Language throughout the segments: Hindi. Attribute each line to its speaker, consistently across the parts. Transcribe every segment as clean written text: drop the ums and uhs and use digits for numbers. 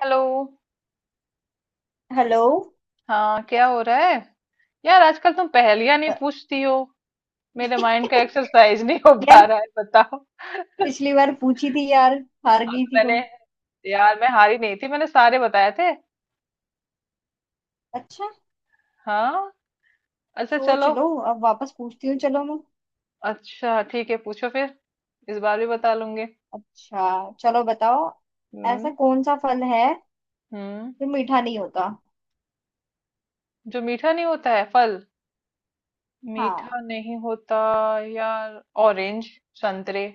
Speaker 1: हेलो।
Speaker 2: हेलो।
Speaker 1: हाँ, क्या हो रहा है? यार, आजकल तुम पहेलियां नहीं पूछती हो। मेरे माइंड का एक्सरसाइज नहीं हो पा
Speaker 2: यार,
Speaker 1: रहा है, बताओ।
Speaker 2: पिछली बार पूछी थी यार। हार
Speaker 1: हाँ
Speaker 2: गई
Speaker 1: तो
Speaker 2: थी
Speaker 1: मैंने,
Speaker 2: तुम।
Speaker 1: यार मैं हारी नहीं थी, मैंने सारे बताए थे।
Speaker 2: अच्छा,
Speaker 1: हाँ। अच्छा
Speaker 2: सोच
Speaker 1: चलो।
Speaker 2: लो, अब वापस पूछती हूँ, चलो मैं।
Speaker 1: अच्छा ठीक है, पूछो फिर। इस बार भी बता लूंगी।
Speaker 2: अच्छा चलो बताओ, ऐसा
Speaker 1: हम्म।
Speaker 2: कौन सा फल है
Speaker 1: हम्म।
Speaker 2: जो मीठा नहीं होता।
Speaker 1: जो मीठा नहीं होता है फल।
Speaker 2: हाँ।
Speaker 1: मीठा नहीं होता। यार, ऑरेंज। संतरे।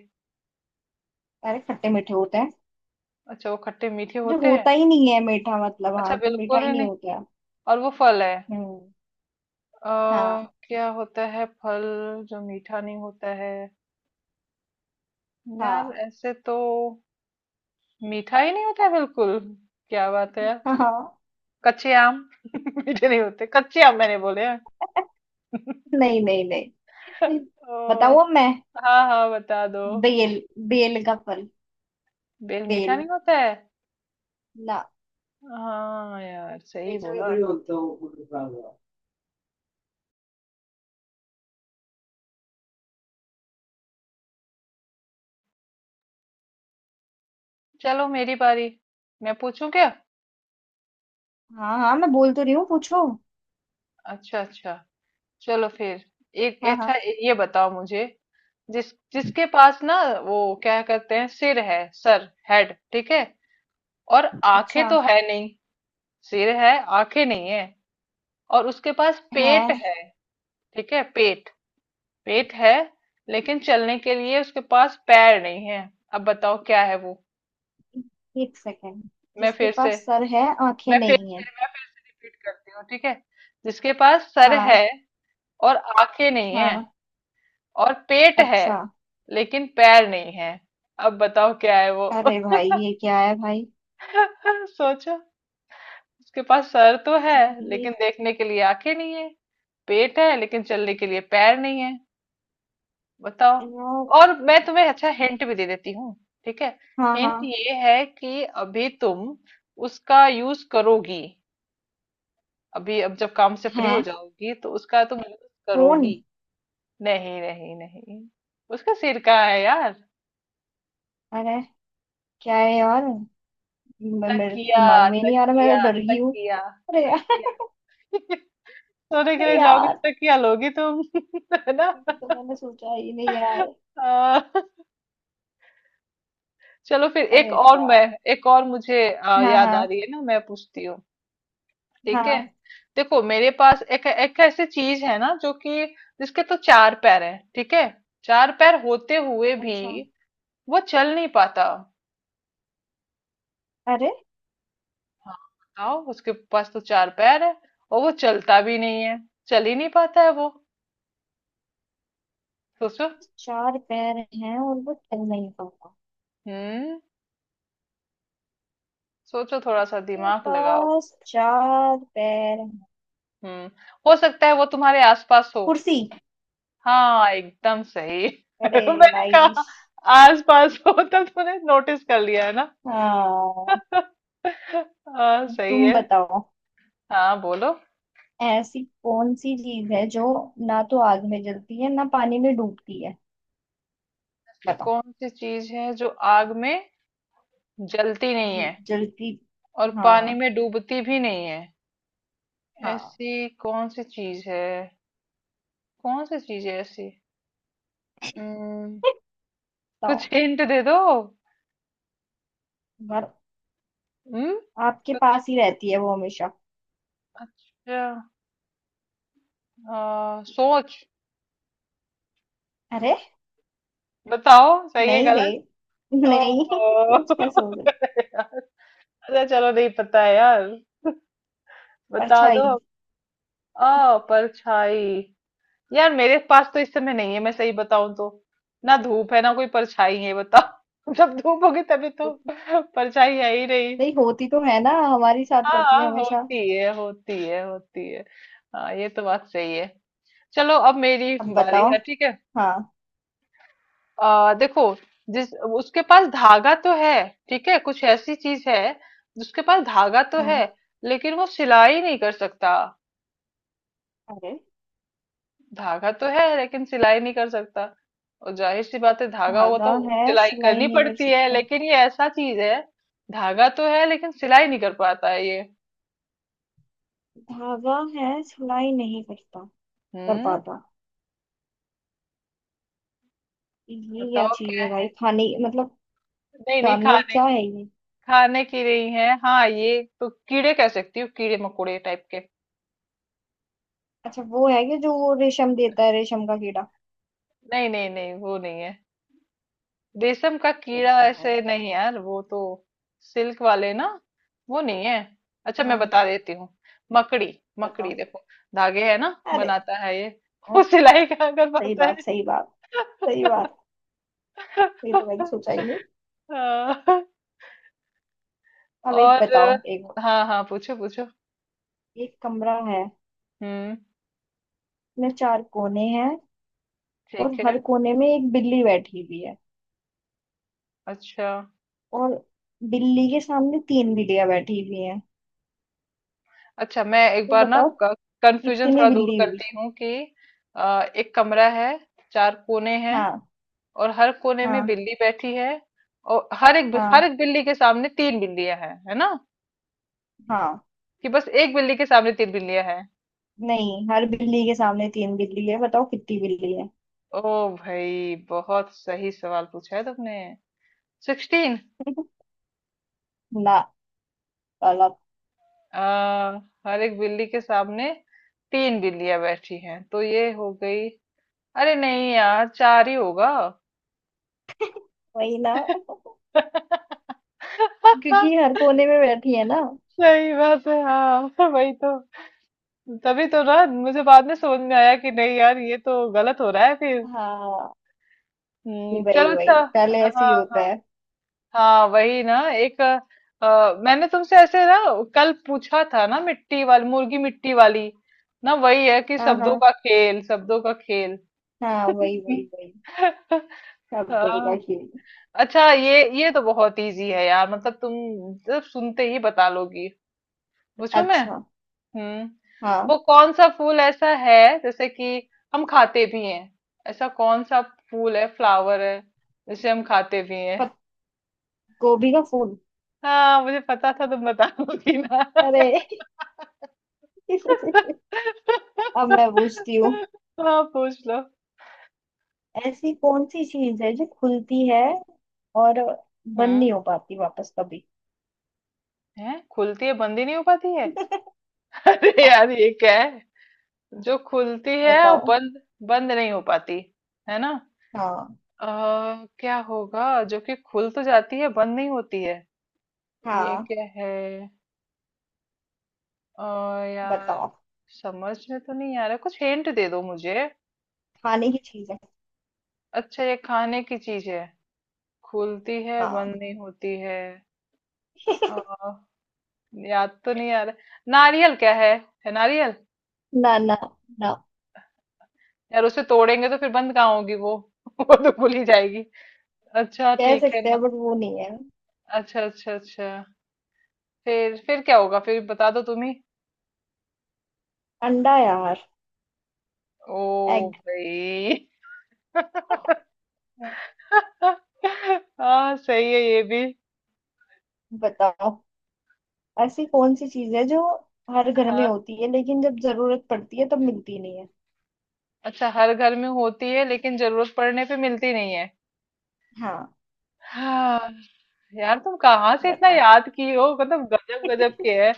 Speaker 2: अरे खट्टे मीठे होते हैं।
Speaker 1: अच्छा, वो खट्टे मीठे
Speaker 2: जो
Speaker 1: होते हैं।
Speaker 2: होता ही नहीं है मीठा, मतलब
Speaker 1: अच्छा,
Speaker 2: हाँ, जो मीठा
Speaker 1: बिल्कुल
Speaker 2: ही
Speaker 1: ही
Speaker 2: नहीं
Speaker 1: नहीं।
Speaker 2: होता है।
Speaker 1: और वो फल है।
Speaker 2: हम्म।
Speaker 1: अ,
Speaker 2: हाँ।
Speaker 1: क्या होता है फल जो मीठा नहीं होता है? यार
Speaker 2: हाँ
Speaker 1: ऐसे तो मीठा ही नहीं होता है बिल्कुल। क्या बात है यार।
Speaker 2: हाँ।
Speaker 1: कच्चे आम। मीठे नहीं होते, कच्चे आम मैंने बोले हैं।
Speaker 2: नहीं नहीं नहीं।
Speaker 1: ओ,
Speaker 2: बताओ, अब मैं
Speaker 1: हाँ हाँ बता दो।
Speaker 2: बेल, बेल का फल,
Speaker 1: बेल मीठा
Speaker 2: बेल
Speaker 1: नहीं होता है।
Speaker 2: ना।
Speaker 1: हाँ यार, सही बोला। चलो मेरी बारी। मैं पूछूं क्या?
Speaker 2: हाँ हाँ, मैं बोल तो रही हूँ, पूछो।
Speaker 1: अच्छा अच्छा। चलो फिर। एक
Speaker 2: हाँ हाँ।
Speaker 1: अच्छा। ये बताओ मुझे। जिसके पास ना, वो क्या कहते हैं, सिर है, सर, हेड, ठीक है। और आंखें
Speaker 2: अच्छा।
Speaker 1: तो है नहीं। सिर है, आंखें नहीं है, और उसके पास
Speaker 2: है।
Speaker 1: पेट है। ठीक है, पेट। पेट है, लेकिन चलने के लिए उसके पास पैर नहीं है। अब बताओ क्या है वो।
Speaker 2: एक सेकेंड।
Speaker 1: मैं
Speaker 2: जिसके
Speaker 1: फिर से
Speaker 2: पास सर है, आंखें
Speaker 1: मैं फिर
Speaker 2: नहीं
Speaker 1: से
Speaker 2: है।
Speaker 1: मैं फिर से रिपीट करती हूँ, ठीक है। जिसके पास सर है,
Speaker 2: हाँ।
Speaker 1: और आंखें नहीं है,
Speaker 2: हाँ।
Speaker 1: और पेट है,
Speaker 2: अच्छा।
Speaker 1: लेकिन पैर नहीं है। अब बताओ क्या है वो।
Speaker 2: अरे भाई ये क्या है भाई।
Speaker 1: सोचो। उसके पास सर तो है,
Speaker 2: ये,
Speaker 1: लेकिन देखने के लिए आंखें नहीं है। पेट है, लेकिन चलने के लिए पैर नहीं है। बताओ।
Speaker 2: यार।
Speaker 1: और मैं तुम्हें अच्छा हिंट भी दे देती हूँ, ठीक है।
Speaker 2: हाँ
Speaker 1: हिंट
Speaker 2: हाँ।
Speaker 1: ये है कि अभी तुम उसका यूज करोगी। अभी अब जब काम से फ्री हो
Speaker 2: है।
Speaker 1: जाओगी तो उसका तुम यूज
Speaker 2: फोन।
Speaker 1: करोगी। नहीं नहीं नहीं, उसका सिरका है यार।
Speaker 2: अरे क्या है यार। मेरे
Speaker 1: तकिया,
Speaker 2: दिमाग में ही नहीं आ रहा, मैं तो
Speaker 1: तकिया,
Speaker 2: डर गई हूँ।
Speaker 1: तकिया,
Speaker 2: अरे यार
Speaker 1: या। सोने के
Speaker 2: अरे
Speaker 1: लिए जाओगी
Speaker 2: यार
Speaker 1: तो तकिया लोगी तुम। है ना।
Speaker 2: ये तो मैंने सोचा ही नहीं यार।
Speaker 1: आ, चलो फिर एक
Speaker 2: अरे
Speaker 1: और
Speaker 2: यार।
Speaker 1: मैं। एक और मुझे
Speaker 2: हाँ
Speaker 1: याद
Speaker 2: हाँ।
Speaker 1: आ रही है ना, मैं पूछती हूँ। ठीक है।
Speaker 2: हाँ।
Speaker 1: देखो, मेरे पास एक एक ऐसी चीज है ना जो कि, जिसके तो चार पैर हैं, ठीक है। चार पैर होते हुए भी
Speaker 2: अच्छा।
Speaker 1: वो चल नहीं पाता।
Speaker 2: अरे।
Speaker 1: हाँ बताओ। उसके पास तो चार पैर है, और वो चलता भी नहीं है। चल ही नहीं पाता है वो। सोचो।
Speaker 2: चार पैर हैं और वो चल नहीं पाता।
Speaker 1: हम्म। सोचो थोड़ा सा
Speaker 2: के
Speaker 1: दिमाग लगाओ।
Speaker 2: पास चार पैर हैं।
Speaker 1: हम्म। हो सकता है वो तुम्हारे आसपास हो।
Speaker 2: कुर्सी।
Speaker 1: हाँ एकदम सही।
Speaker 2: अरे
Speaker 1: मैंने
Speaker 2: लाइश।
Speaker 1: कहा, आसपास हो तब तो तुमने नोटिस कर लिया है ना।
Speaker 2: हाँ,
Speaker 1: हाँ सही
Speaker 2: तुम
Speaker 1: है।
Speaker 2: बताओ।
Speaker 1: हाँ बोलो।
Speaker 2: ऐसी कौन सी चीज है जो ना तो आग में जलती है ना पानी में डूबती है।
Speaker 1: ऐसी
Speaker 2: बताओ।
Speaker 1: कौन सी चीज है जो आग में जलती नहीं है
Speaker 2: जलती।
Speaker 1: और पानी
Speaker 2: हाँ।
Speaker 1: में डूबती भी नहीं है?
Speaker 2: हाँ।
Speaker 1: ऐसी कौन सी चीज है? कौन सी चीज है ऐसी? हम्म। कुछ
Speaker 2: बताओ।
Speaker 1: हिंट दे दो।
Speaker 2: पर
Speaker 1: हम्म।
Speaker 2: आपके
Speaker 1: कुछ,
Speaker 2: पास ही रहती है वो हमेशा।
Speaker 1: अच्छा। सोच।
Speaker 2: अरे।
Speaker 1: बताओ सही है
Speaker 2: नहीं रे।
Speaker 1: गलत। ओ।
Speaker 2: नहीं कुछ कैसे हो गई।
Speaker 1: अच्छा चलो, नहीं पता है यार। बता दो।
Speaker 2: परछाई।
Speaker 1: आ परछाई। यार मेरे पास तो इस समय नहीं है, मैं सही बताऊं तो। ना धूप है ना कोई परछाई है, बताओ। जब धूप होगी तभी तो, परछाई है ही नहीं।
Speaker 2: नहीं होती तो है ना, हमारे साथ रहती है
Speaker 1: हाँ
Speaker 2: हमेशा।
Speaker 1: होती है होती है होती है। हाँ, ये तो बात सही है। चलो अब मेरी
Speaker 2: अब
Speaker 1: बारी
Speaker 2: बताओ।
Speaker 1: है, ठीक है।
Speaker 2: हाँ।
Speaker 1: देखो। जिस उसके पास धागा तो है, ठीक है, कुछ ऐसी चीज है। उसके पास धागा तो
Speaker 2: हम्म।
Speaker 1: है, लेकिन वो सिलाई नहीं कर सकता।
Speaker 2: अरे,
Speaker 1: धागा तो है लेकिन सिलाई नहीं कर सकता। और जाहिर सी बात है, धागा वो
Speaker 2: धागा
Speaker 1: तो
Speaker 2: है
Speaker 1: सिलाई
Speaker 2: सिलाई
Speaker 1: करनी
Speaker 2: नहीं कर
Speaker 1: पड़ती है,
Speaker 2: सकता।
Speaker 1: लेकिन ये ऐसा चीज है। धागा तो है लेकिन सिलाई नहीं कर पाता है ये।
Speaker 2: धागा है सिलाई नहीं करता, कर
Speaker 1: हम्म।
Speaker 2: पाता। ये क्या
Speaker 1: बताओ
Speaker 2: चीज
Speaker 1: क्या
Speaker 2: है भाई,
Speaker 1: है।
Speaker 2: खाने, मतलब
Speaker 1: नहीं नहीं
Speaker 2: जानवर
Speaker 1: खाने।
Speaker 2: क्या है ये।
Speaker 1: खाने की नहीं है। हाँ ये तो कीड़े कह सकती हूँ, कीड़े मकोड़े टाइप के।
Speaker 2: अच्छा, वो है कि जो वो रेशम देता है, रेशम का कीड़ा।
Speaker 1: नहीं नहीं नहीं, वो नहीं है। रेशम का
Speaker 2: फिर
Speaker 1: कीड़ा
Speaker 2: क्या है।
Speaker 1: ऐसे नहीं यार, वो तो सिल्क वाले ना। वो नहीं है। अच्छा मैं
Speaker 2: हाँ।
Speaker 1: बता देती हूँ। मकड़ी। मकड़ी
Speaker 2: बताओ।
Speaker 1: देखो, धागे है ना
Speaker 2: अरे।
Speaker 1: बनाता है ये।
Speaker 2: हाँ,
Speaker 1: वो सिलाई कहाँ कर
Speaker 2: सही
Speaker 1: पाता है।
Speaker 2: बात, सही बात, सही बात। ये तो मैंने सोचा ही नहीं।
Speaker 1: हाँ।
Speaker 2: अब एक
Speaker 1: और
Speaker 2: बताओ, एक।
Speaker 1: हाँ हाँ पूछो पूछो।
Speaker 2: एक कमरा है,
Speaker 1: हम्म।
Speaker 2: इसमें चार कोने हैं, और
Speaker 1: ठीक है।
Speaker 2: हर कोने में एक बिल्ली बैठी हुई है।
Speaker 1: अच्छा
Speaker 2: और बिल्ली के सामने तीन बिल्लियां बैठी हुई हैं।
Speaker 1: अच्छा। मैं एक
Speaker 2: तो
Speaker 1: बार ना
Speaker 2: बताओ
Speaker 1: कंफ्यूजन
Speaker 2: कितनी
Speaker 1: थोड़ा दूर
Speaker 2: बिल्ली हुई।
Speaker 1: करती हूँ कि, एक कमरा है, चार कोने हैं,
Speaker 2: हाँ।
Speaker 1: और हर कोने में
Speaker 2: हाँ।
Speaker 1: बिल्ली बैठी है, और हर एक
Speaker 2: हाँ।
Speaker 1: हर एक बिल्ली के सामने तीन बिल्लियां हैं, है ना?
Speaker 2: हाँ।
Speaker 1: कि बस एक बिल्ली के सामने तीन बिल्लियां हैं?
Speaker 2: नहीं, हर बिल्ली के सामने तीन बिल्ली है, बताओ कितनी बिल्ली है।
Speaker 1: ओ भाई, बहुत सही सवाल पूछा है तुमने। 16।
Speaker 2: ना, गलत।
Speaker 1: आ, हर एक बिल्ली के सामने तीन बिल्लियां बैठी हैं, तो ये हो गई। अरे नहीं यार, चार ही होगा।
Speaker 2: वही ना क्योंकि हर कोने में बैठी है ना।
Speaker 1: सही बात है, हाँ वही तो। तभी तो ना, मुझे बाद में समझ में आया कि नहीं यार, ये तो गलत हो रहा है फिर।
Speaker 2: हाँ। जी, वही
Speaker 1: चलो अच्छा।
Speaker 2: वही, पहले ऐसे ही
Speaker 1: हाँ,
Speaker 2: होता
Speaker 1: हाँ,
Speaker 2: है।
Speaker 1: हाँ, वही ना एक मैंने तुमसे ऐसे ना कल पूछा था ना, मिट्टी वाली मुर्गी, मिट्टी वाली ना वही है कि,
Speaker 2: हाँ। हाँ
Speaker 1: शब्दों का खेल, शब्दों का खेल।
Speaker 2: हाँ, वही वही वही। शब्दों का
Speaker 1: हाँ।
Speaker 2: खेल।
Speaker 1: अच्छा, ये तो बहुत इजी है यार, मतलब तुम सिर्फ सुनते ही बता लोगी। पूछू मैं?
Speaker 2: अच्छा।
Speaker 1: हम्म। वो
Speaker 2: हाँ।
Speaker 1: कौन सा फूल ऐसा है जैसे कि हम खाते भी हैं? ऐसा कौन सा फूल है, फ्लावर है, जिसे हम खाते भी।
Speaker 2: पत, गोभी का फूल।
Speaker 1: हाँ, मुझे पता था तुम बताओगी ना।
Speaker 2: अरे अब मैं पूछती हूँ,
Speaker 1: हाँ पूछ लो।
Speaker 2: ऐसी कौन सी चीज है जो खुलती है और बंद
Speaker 1: हम्म।
Speaker 2: नहीं हो पाती वापस कभी।
Speaker 1: है, खुलती है बंद ही नहीं हो पाती है। अरे
Speaker 2: हाँ,
Speaker 1: यार ये क्या है? जो खुलती है और
Speaker 2: बताओ।
Speaker 1: बंद, बंद नहीं हो पाती, है ना?
Speaker 2: हाँ
Speaker 1: अ, क्या होगा जो कि खुल तो जाती है बंद नहीं होती है? ये
Speaker 2: हाँ।
Speaker 1: क्या है? अ, यार,
Speaker 2: बताओ।
Speaker 1: समझ में तो नहीं आ रहा, कुछ हिंट दे दो मुझे।
Speaker 2: खाने की चीज है।
Speaker 1: अच्छा ये खाने की चीज है। खुलती है
Speaker 2: हाँ।
Speaker 1: बंद नहीं होती। है। याद तो नहीं आ रहा। नारियल क्या है? है नारियल।
Speaker 2: ना ना ना।
Speaker 1: यार उसे तोड़ेंगे तो फिर बंद कहाँ होगी वो। वो तो भूल ही जाएगी। अच्छा
Speaker 2: कह
Speaker 1: ठीक है
Speaker 2: सकते हैं,
Speaker 1: ना।
Speaker 2: बट वो नहीं है।
Speaker 1: अच्छा अच्छा अच्छा। फिर क्या होगा, फिर बता दो तुम ही।
Speaker 2: अंडा यार,
Speaker 1: ओ
Speaker 2: एग।
Speaker 1: भाई। हाँ सही है ये भी।
Speaker 2: बताओ, ऐसी कौन सी चीज है जो हर घर में
Speaker 1: हाँ।
Speaker 2: होती है, लेकिन जब जरूरत पड़ती है तब मिलती नहीं है।
Speaker 1: अच्छा, हर घर में होती है लेकिन जरूरत पड़ने पे मिलती नहीं है।
Speaker 2: हाँ।
Speaker 1: हाँ। यार तुम कहाँ से इतना
Speaker 2: बताओ।
Speaker 1: याद की हो, मतलब गजब गजब के है।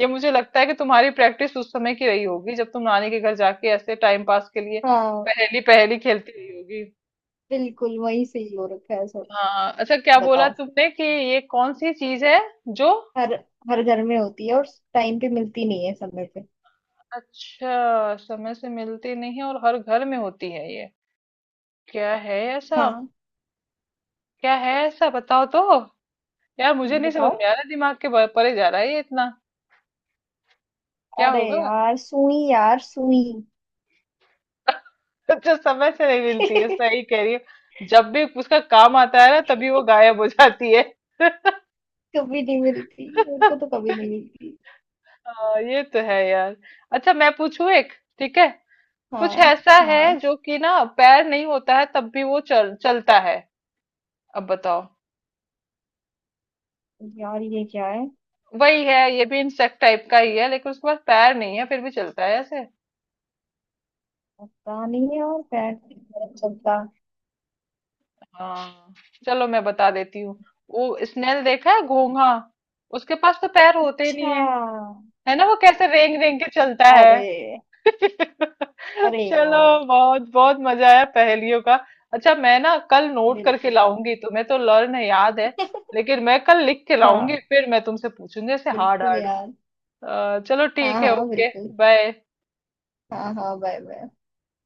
Speaker 1: ये मुझे लगता है कि तुम्हारी प्रैक्टिस उस समय की रही होगी जब तुम नानी के घर जाके ऐसे टाइम पास के लिए
Speaker 2: हाँ।
Speaker 1: पहेली पहेली खेलती रही होगी।
Speaker 2: बिल्कुल वही सही हो रखा है सब।
Speaker 1: हाँ अच्छा, क्या बोला
Speaker 2: बताओ।
Speaker 1: तुमने कि ये कौन सी चीज है जो।
Speaker 2: हर, हर घर में होती है और टाइम पे मिलती नहीं है, समय पे।
Speaker 1: अच्छा, समय से मिलती नहीं है और हर घर में होती है ये। क्या है ऐसा?
Speaker 2: हाँ।
Speaker 1: क्या है ऐसा बताओ तो। यार मुझे नहीं समझ
Speaker 2: बताओ।
Speaker 1: में आ रहा, दिमाग के परे जा रहा है ये इतना। क्या
Speaker 2: अरे
Speaker 1: होगा?
Speaker 2: यार सुई यार, सुई।
Speaker 1: अच्छा, समय से नहीं मिलती है, सही कह रही हो। जब भी उसका काम आता है ना, तभी वो गायब हो जाती है।
Speaker 2: कभी नहीं मिलती मेरे को, तो कभी नहीं मिलती।
Speaker 1: हाँ, ये तो है यार। अच्छा मैं पूछूं एक, ठीक है। कुछ
Speaker 2: हाँ।
Speaker 1: ऐसा है
Speaker 2: हाँ
Speaker 1: जो कि ना पैर नहीं होता है तब भी वो चल चलता है। अब बताओ।
Speaker 2: यार, ये क्या है।
Speaker 1: वही है ये भी, इंसेक्ट टाइप का ही है, लेकिन उसके पास पैर नहीं है फिर भी चलता है ऐसे।
Speaker 2: पता नहीं यार, पैर नहीं चलता।
Speaker 1: हाँ। चलो मैं बता देती हूँ। वो स्नेल देखा है, घोंघा? उसके पास तो पैर होते ही नहीं
Speaker 2: अच्छा।
Speaker 1: है, है ना। वो कैसे रेंग रेंग के चलता है।
Speaker 2: अरे। अरे यार।
Speaker 1: चलो। बहुत बहुत मजा आया पहेलियों का। अच्छा, मैं ना कल नोट करके
Speaker 2: बिल्कुल यार।
Speaker 1: लाऊंगी, तुम्हें तो लर्न है, याद है। लेकिन मैं कल लिख के लाऊंगी
Speaker 2: हाँ,
Speaker 1: फिर मैं तुमसे पूछूंगी ऐसे हार्ड
Speaker 2: बिल्कुल
Speaker 1: हार्ड।
Speaker 2: यार।
Speaker 1: चलो
Speaker 2: हाँ
Speaker 1: ठीक है,
Speaker 2: हाँ,
Speaker 1: ओके।
Speaker 2: बिल्कुल।
Speaker 1: बाय।
Speaker 2: हाँ हाँ, बाय बाय।